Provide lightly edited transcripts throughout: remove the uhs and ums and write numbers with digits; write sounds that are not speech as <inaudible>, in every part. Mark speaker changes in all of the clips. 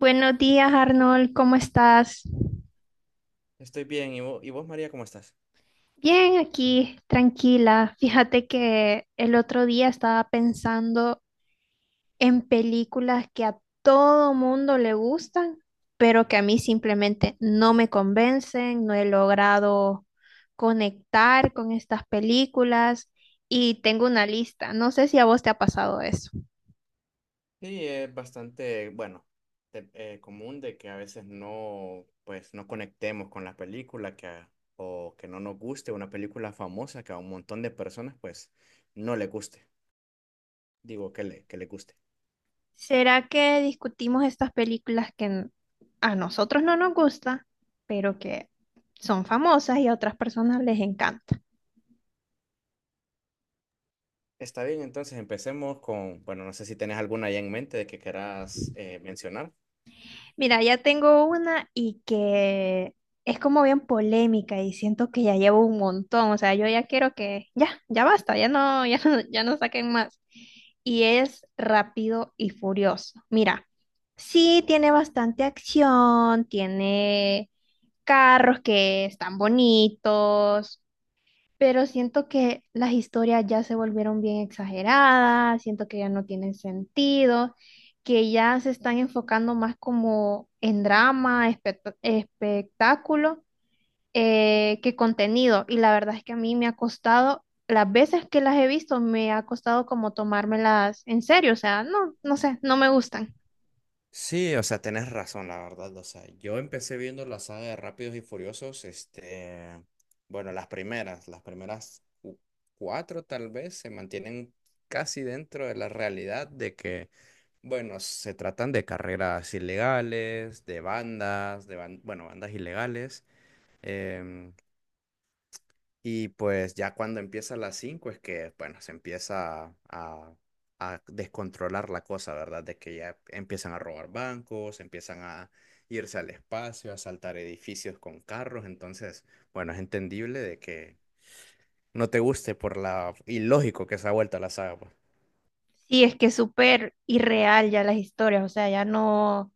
Speaker 1: Buenos días, Arnold, ¿cómo estás?
Speaker 2: Estoy bien. ¿Y vos, María, cómo estás?
Speaker 1: Bien, aquí, tranquila. Fíjate que el otro día estaba pensando en películas que a todo mundo le gustan, pero que a mí simplemente no me convencen, no he logrado conectar con estas películas y tengo una lista. No sé si a vos te ha pasado eso.
Speaker 2: Sí, es bastante, bueno, común de que a veces no, pues, no conectemos con la película que o que no nos guste una película famosa que a un montón de personas, pues, no le guste. Digo, que le guste.
Speaker 1: ¿Será que discutimos estas películas que a nosotros no nos gustan, pero que son famosas y a otras personas les encanta?
Speaker 2: Está bien, entonces empecemos con, bueno, no sé si tenés alguna ya en mente de que querás mencionar.
Speaker 1: Mira, ya tengo una y que es como bien polémica y siento que ya llevo un montón, o sea, yo ya quiero que ya, ya basta, ya no, <laughs> ya no, ya no saquen más. Y es Rápido y Furioso. Mira, sí tiene bastante acción, tiene carros que están bonitos. Pero siento que las historias ya se volvieron bien exageradas, siento que ya no tienen sentido, que ya se están enfocando más como en drama, espectáculo, que contenido. Y la verdad es que a mí me ha costado, las veces que las he visto, me ha costado como tomármelas en serio, o sea, no, no sé, no me gustan.
Speaker 2: Sí, o sea, tenés razón, la verdad. O sea, yo empecé viendo la saga de Rápidos y Furiosos, este, bueno, las primeras cuatro tal vez se mantienen casi dentro de la realidad de que, bueno, se tratan de carreras ilegales, de bandas, bueno, bandas ilegales. em, y pues ya cuando empieza a las 5 es que, bueno, a descontrolar la cosa, ¿verdad? De que ya empiezan a robar bancos, empiezan a irse al espacio, a asaltar edificios con carros. Entonces, bueno, es entendible de que no te guste por la ilógico que se ha vuelto la saga, pues.
Speaker 1: Sí, es que es súper irreal ya las historias, o sea, ya no,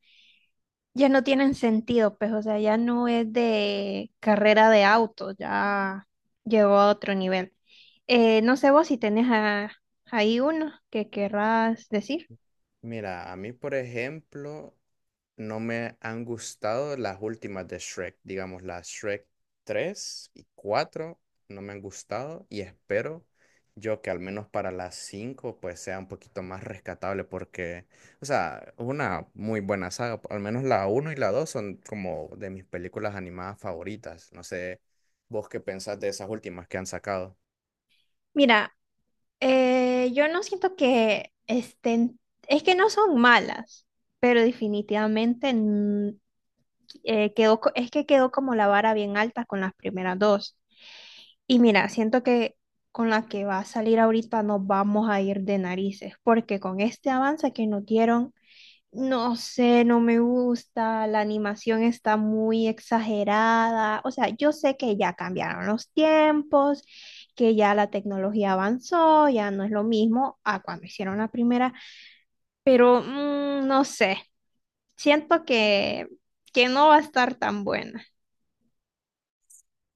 Speaker 1: ya no tienen sentido, pues, o sea, ya no es de carrera de auto, ya llegó a otro nivel. No sé vos si tenés ahí uno que querrás decir.
Speaker 2: Mira, a mí, por ejemplo, no me han gustado las últimas de Shrek, digamos, las Shrek 3 y 4, no me han gustado y espero yo que al menos para las 5 pues sea un poquito más rescatable porque, o sea, es una muy buena saga, al menos la uno y la 2 son como de mis películas animadas favoritas, no sé vos qué pensás de esas últimas que han sacado.
Speaker 1: Mira, yo no siento que estén, es que no son malas, pero definitivamente quedó, es que quedó como la vara bien alta con las primeras dos. Y mira, siento que con la que va a salir ahorita nos vamos a ir de narices, porque con este avance que nos dieron, no sé, no me gusta, la animación está muy exagerada. O sea, yo sé que ya cambiaron los tiempos, que ya la tecnología avanzó, ya no es lo mismo a cuando hicieron la primera, pero no sé, siento que no va a estar tan buena.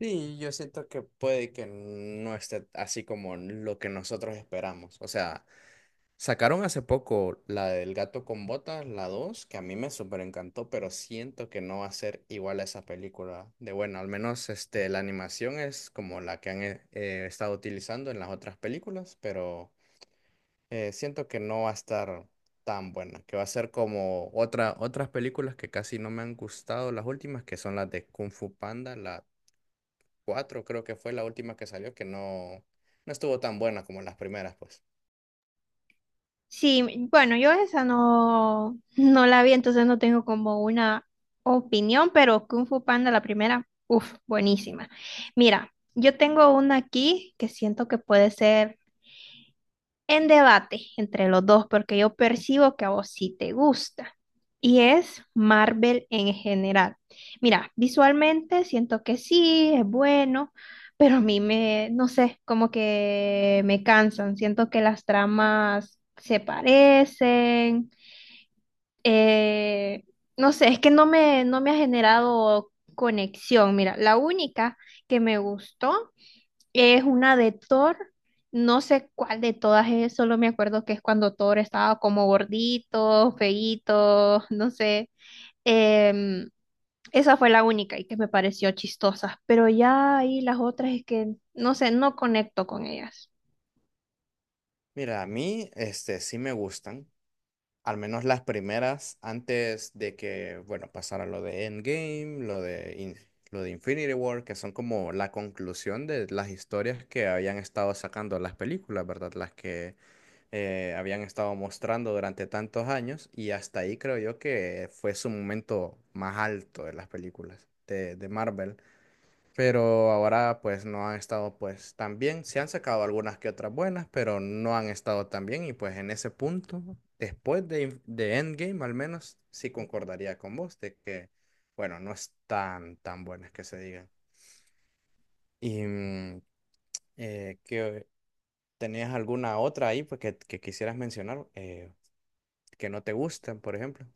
Speaker 2: Sí, yo siento que puede que no esté así como lo que nosotros esperamos. O sea, sacaron hace poco la del gato con botas, la 2 que a mí me súper encantó, pero siento que no va a ser igual a esa película. De bueno, al menos este, la animación es como la que han estado utilizando en las otras películas, pero siento que no va a estar tan buena, que va a ser como otras películas que casi no me han gustado, las últimas, que son las de Kung Fu Panda, la 4 creo que fue la última que salió, que no, no estuvo tan buena como las primeras, pues.
Speaker 1: Sí, bueno, yo esa no, no la vi, entonces no tengo como una opinión, pero Kung Fu Panda, la primera, uff, buenísima. Mira, yo tengo una aquí que siento que puede ser en debate entre los dos, porque yo percibo que a vos sí te gusta. Y es Marvel en general. Mira, visualmente siento que sí, es bueno, pero a mí me, no sé, como que me cansan. Siento que las tramas se parecen. eh, no sé, es que no me, no me ha generado conexión. Mira, la única que me gustó es una de Thor, no sé cuál de todas es, solo me acuerdo que es cuando Thor estaba como gordito, feíto, no sé. Em, Esa fue la única y que me pareció chistosa, pero ya ahí las otras es que, no sé, no conecto con ellas.
Speaker 2: Mira, a mí este, sí me gustan, al menos las primeras, antes de que, bueno, pasara lo de Endgame, lo de Infinity War, que son como la conclusión de las historias que habían estado sacando las películas, ¿verdad? Las que habían estado mostrando durante tantos años, y hasta ahí creo yo que fue su momento más alto de las películas de Marvel. Pero ahora pues no han estado pues tan bien. Se han sacado algunas que otras buenas, pero no han estado tan bien y pues en ese punto, después de Endgame al menos, sí concordaría con vos de que, bueno, no están tan buenas que se digan. Y que tenías alguna otra ahí pues, que quisieras mencionar que no te gustan, por ejemplo.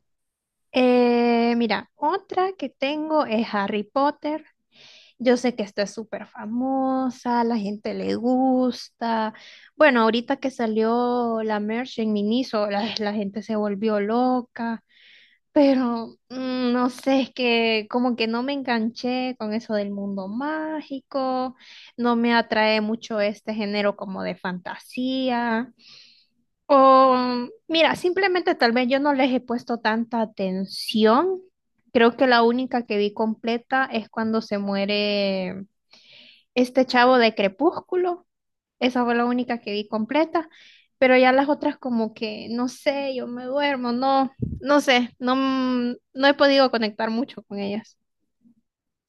Speaker 1: Mira, otra que tengo es Harry Potter. Yo sé que esta es súper famosa, la gente le gusta. Bueno, ahorita que salió la merch en Miniso, la gente se volvió loca. Pero no sé, es que como que no me enganché con eso del mundo mágico, no me atrae mucho este género como de fantasía. O mira, simplemente tal vez yo no les he puesto tanta atención. Creo que la única que vi completa es cuando se muere este chavo de Crepúsculo. Esa fue la única que vi completa, pero ya las otras como que, no sé, yo me duermo, no, no sé, no, no he podido conectar mucho con ellas.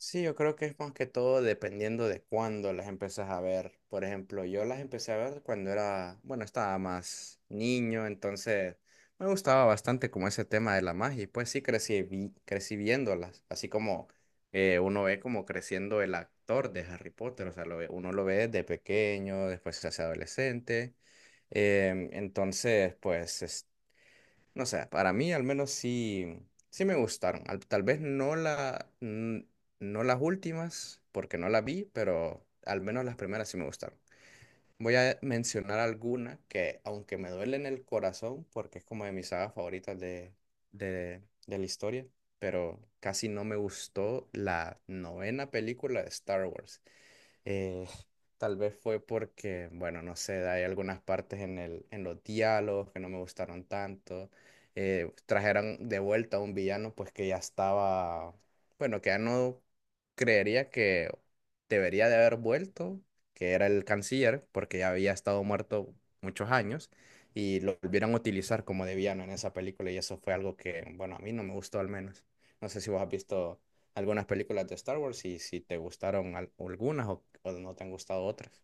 Speaker 2: Sí, yo creo que es más que todo dependiendo de cuándo las empiezas a ver. Por ejemplo, yo las empecé a ver cuando era, bueno, estaba más niño, entonces me gustaba bastante como ese tema de la magia y pues sí crecí, crecí viéndolas, así como uno ve como creciendo el actor de Harry Potter, o sea, uno lo ve de pequeño, después se hace adolescente, entonces pues no sé, para mí al menos sí, sí me gustaron. Tal vez no no las últimas, porque no las vi, pero al menos las primeras sí me gustaron. Voy a mencionar alguna que, aunque me duele en el corazón, porque es como de mis sagas favoritas de la historia, pero casi no me gustó la novena película de Star Wars. Eh, Tal vez fue porque, bueno, no sé, hay algunas partes en los diálogos que no me gustaron tanto. Trajeron de vuelta a un villano, pues que ya estaba, bueno, que ya no creería que debería de haber vuelto, que era el canciller, porque ya había estado muerto muchos años y lo volvieron a utilizar como de villano en esa película y eso fue algo que, bueno, a mí no me gustó al menos. No sé si vos has visto algunas películas de Star Wars y si te gustaron algunas o no te han gustado otras.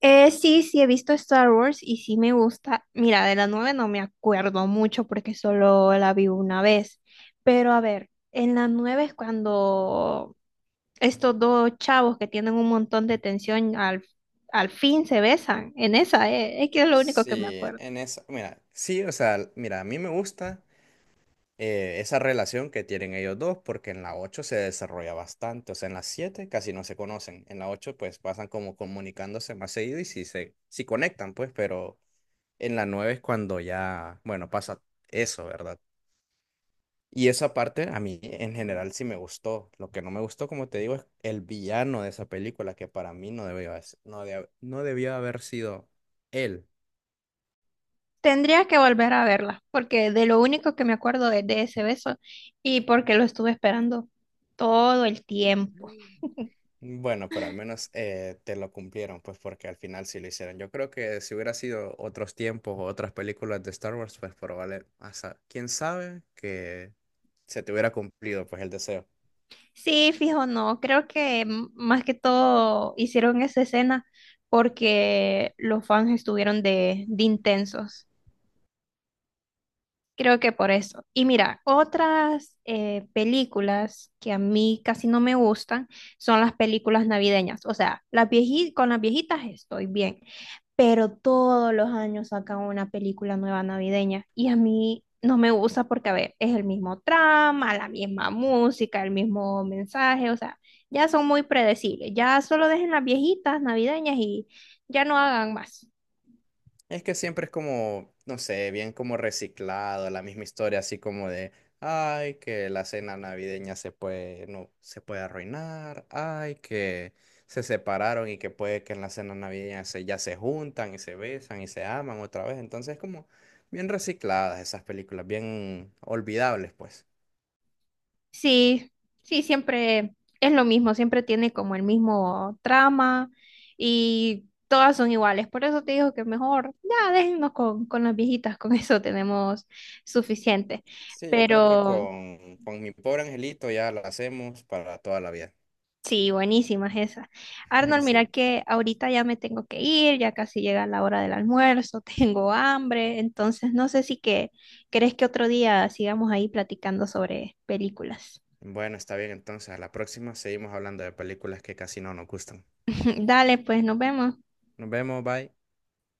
Speaker 1: Sí, sí, he visto Star Wars y sí me gusta. Mira, de la 9 no me acuerdo mucho porque solo la vi una vez. Pero a ver, en la 9 es cuando estos dos chavos que tienen un montón de tensión al, al fin se besan. En esa, es que es lo único que me
Speaker 2: Sí,
Speaker 1: acuerdo.
Speaker 2: en esa, mira, sí, o sea, mira, a mí me gusta esa relación que tienen ellos dos porque en la 8 se desarrolla bastante, o sea, en la 7 casi no se conocen, en la 8 pues pasan como comunicándose más seguido y sí conectan, pues, pero en la 9 es cuando ya, bueno, pasa eso, ¿verdad? Y esa parte a mí en general sí me gustó. Lo que no me gustó, como te digo, es el villano de esa película, que para mí no debió haber sido él.
Speaker 1: Tendría que volver a verla, porque de lo único que me acuerdo es de ese beso y porque lo estuve esperando todo el tiempo. <laughs>
Speaker 2: Bueno, pero al menos te lo cumplieron, pues porque al final sí lo hicieron. Yo creo que si hubiera sido otros tiempos o otras películas de Star Wars, pues probable, hasta, quién sabe que se te hubiera cumplido pues el deseo.
Speaker 1: Sí, fijo, no, creo que más que todo hicieron esa escena porque los fans estuvieron de intensos. Creo que por eso. Y mira, otras películas que a mí casi no me gustan son las películas navideñas. O sea, las con las viejitas estoy bien, pero todos los años sacan una película nueva navideña y a mí no me gusta porque, a ver, es el mismo trama, la misma música, el mismo mensaje, o sea, ya son muy predecibles, ya solo dejen las viejitas navideñas y ya no hagan más.
Speaker 2: Es que siempre es como, no sé, bien como reciclado, la misma historia, así como de, ay, que la cena navideña se puede, no, se puede arruinar, ay, que se separaron y que puede que en la cena navideña se, ya se juntan y se besan y se aman otra vez. Entonces es como bien recicladas esas películas, bien olvidables, pues.
Speaker 1: Sí, sí, siempre es lo mismo, siempre tiene como el mismo trama y todas son iguales, por eso te digo que mejor ya déjennos con las viejitas, con eso tenemos suficiente.
Speaker 2: Sí, yo creo que
Speaker 1: Pero...
Speaker 2: con mi pobre angelito ya la hacemos para toda la vida.
Speaker 1: Sí, buenísimas esas.
Speaker 2: <laughs>
Speaker 1: Arnold, mira
Speaker 2: Sí.
Speaker 1: que ahorita ya me tengo que ir, ya casi llega la hora del almuerzo, <laughs> tengo hambre, entonces no sé si que crees que otro día sigamos ahí platicando sobre películas.
Speaker 2: Bueno, está bien, entonces a la próxima seguimos hablando de películas que casi no nos gustan.
Speaker 1: <laughs> Dale, pues nos vemos.
Speaker 2: Nos vemos, bye.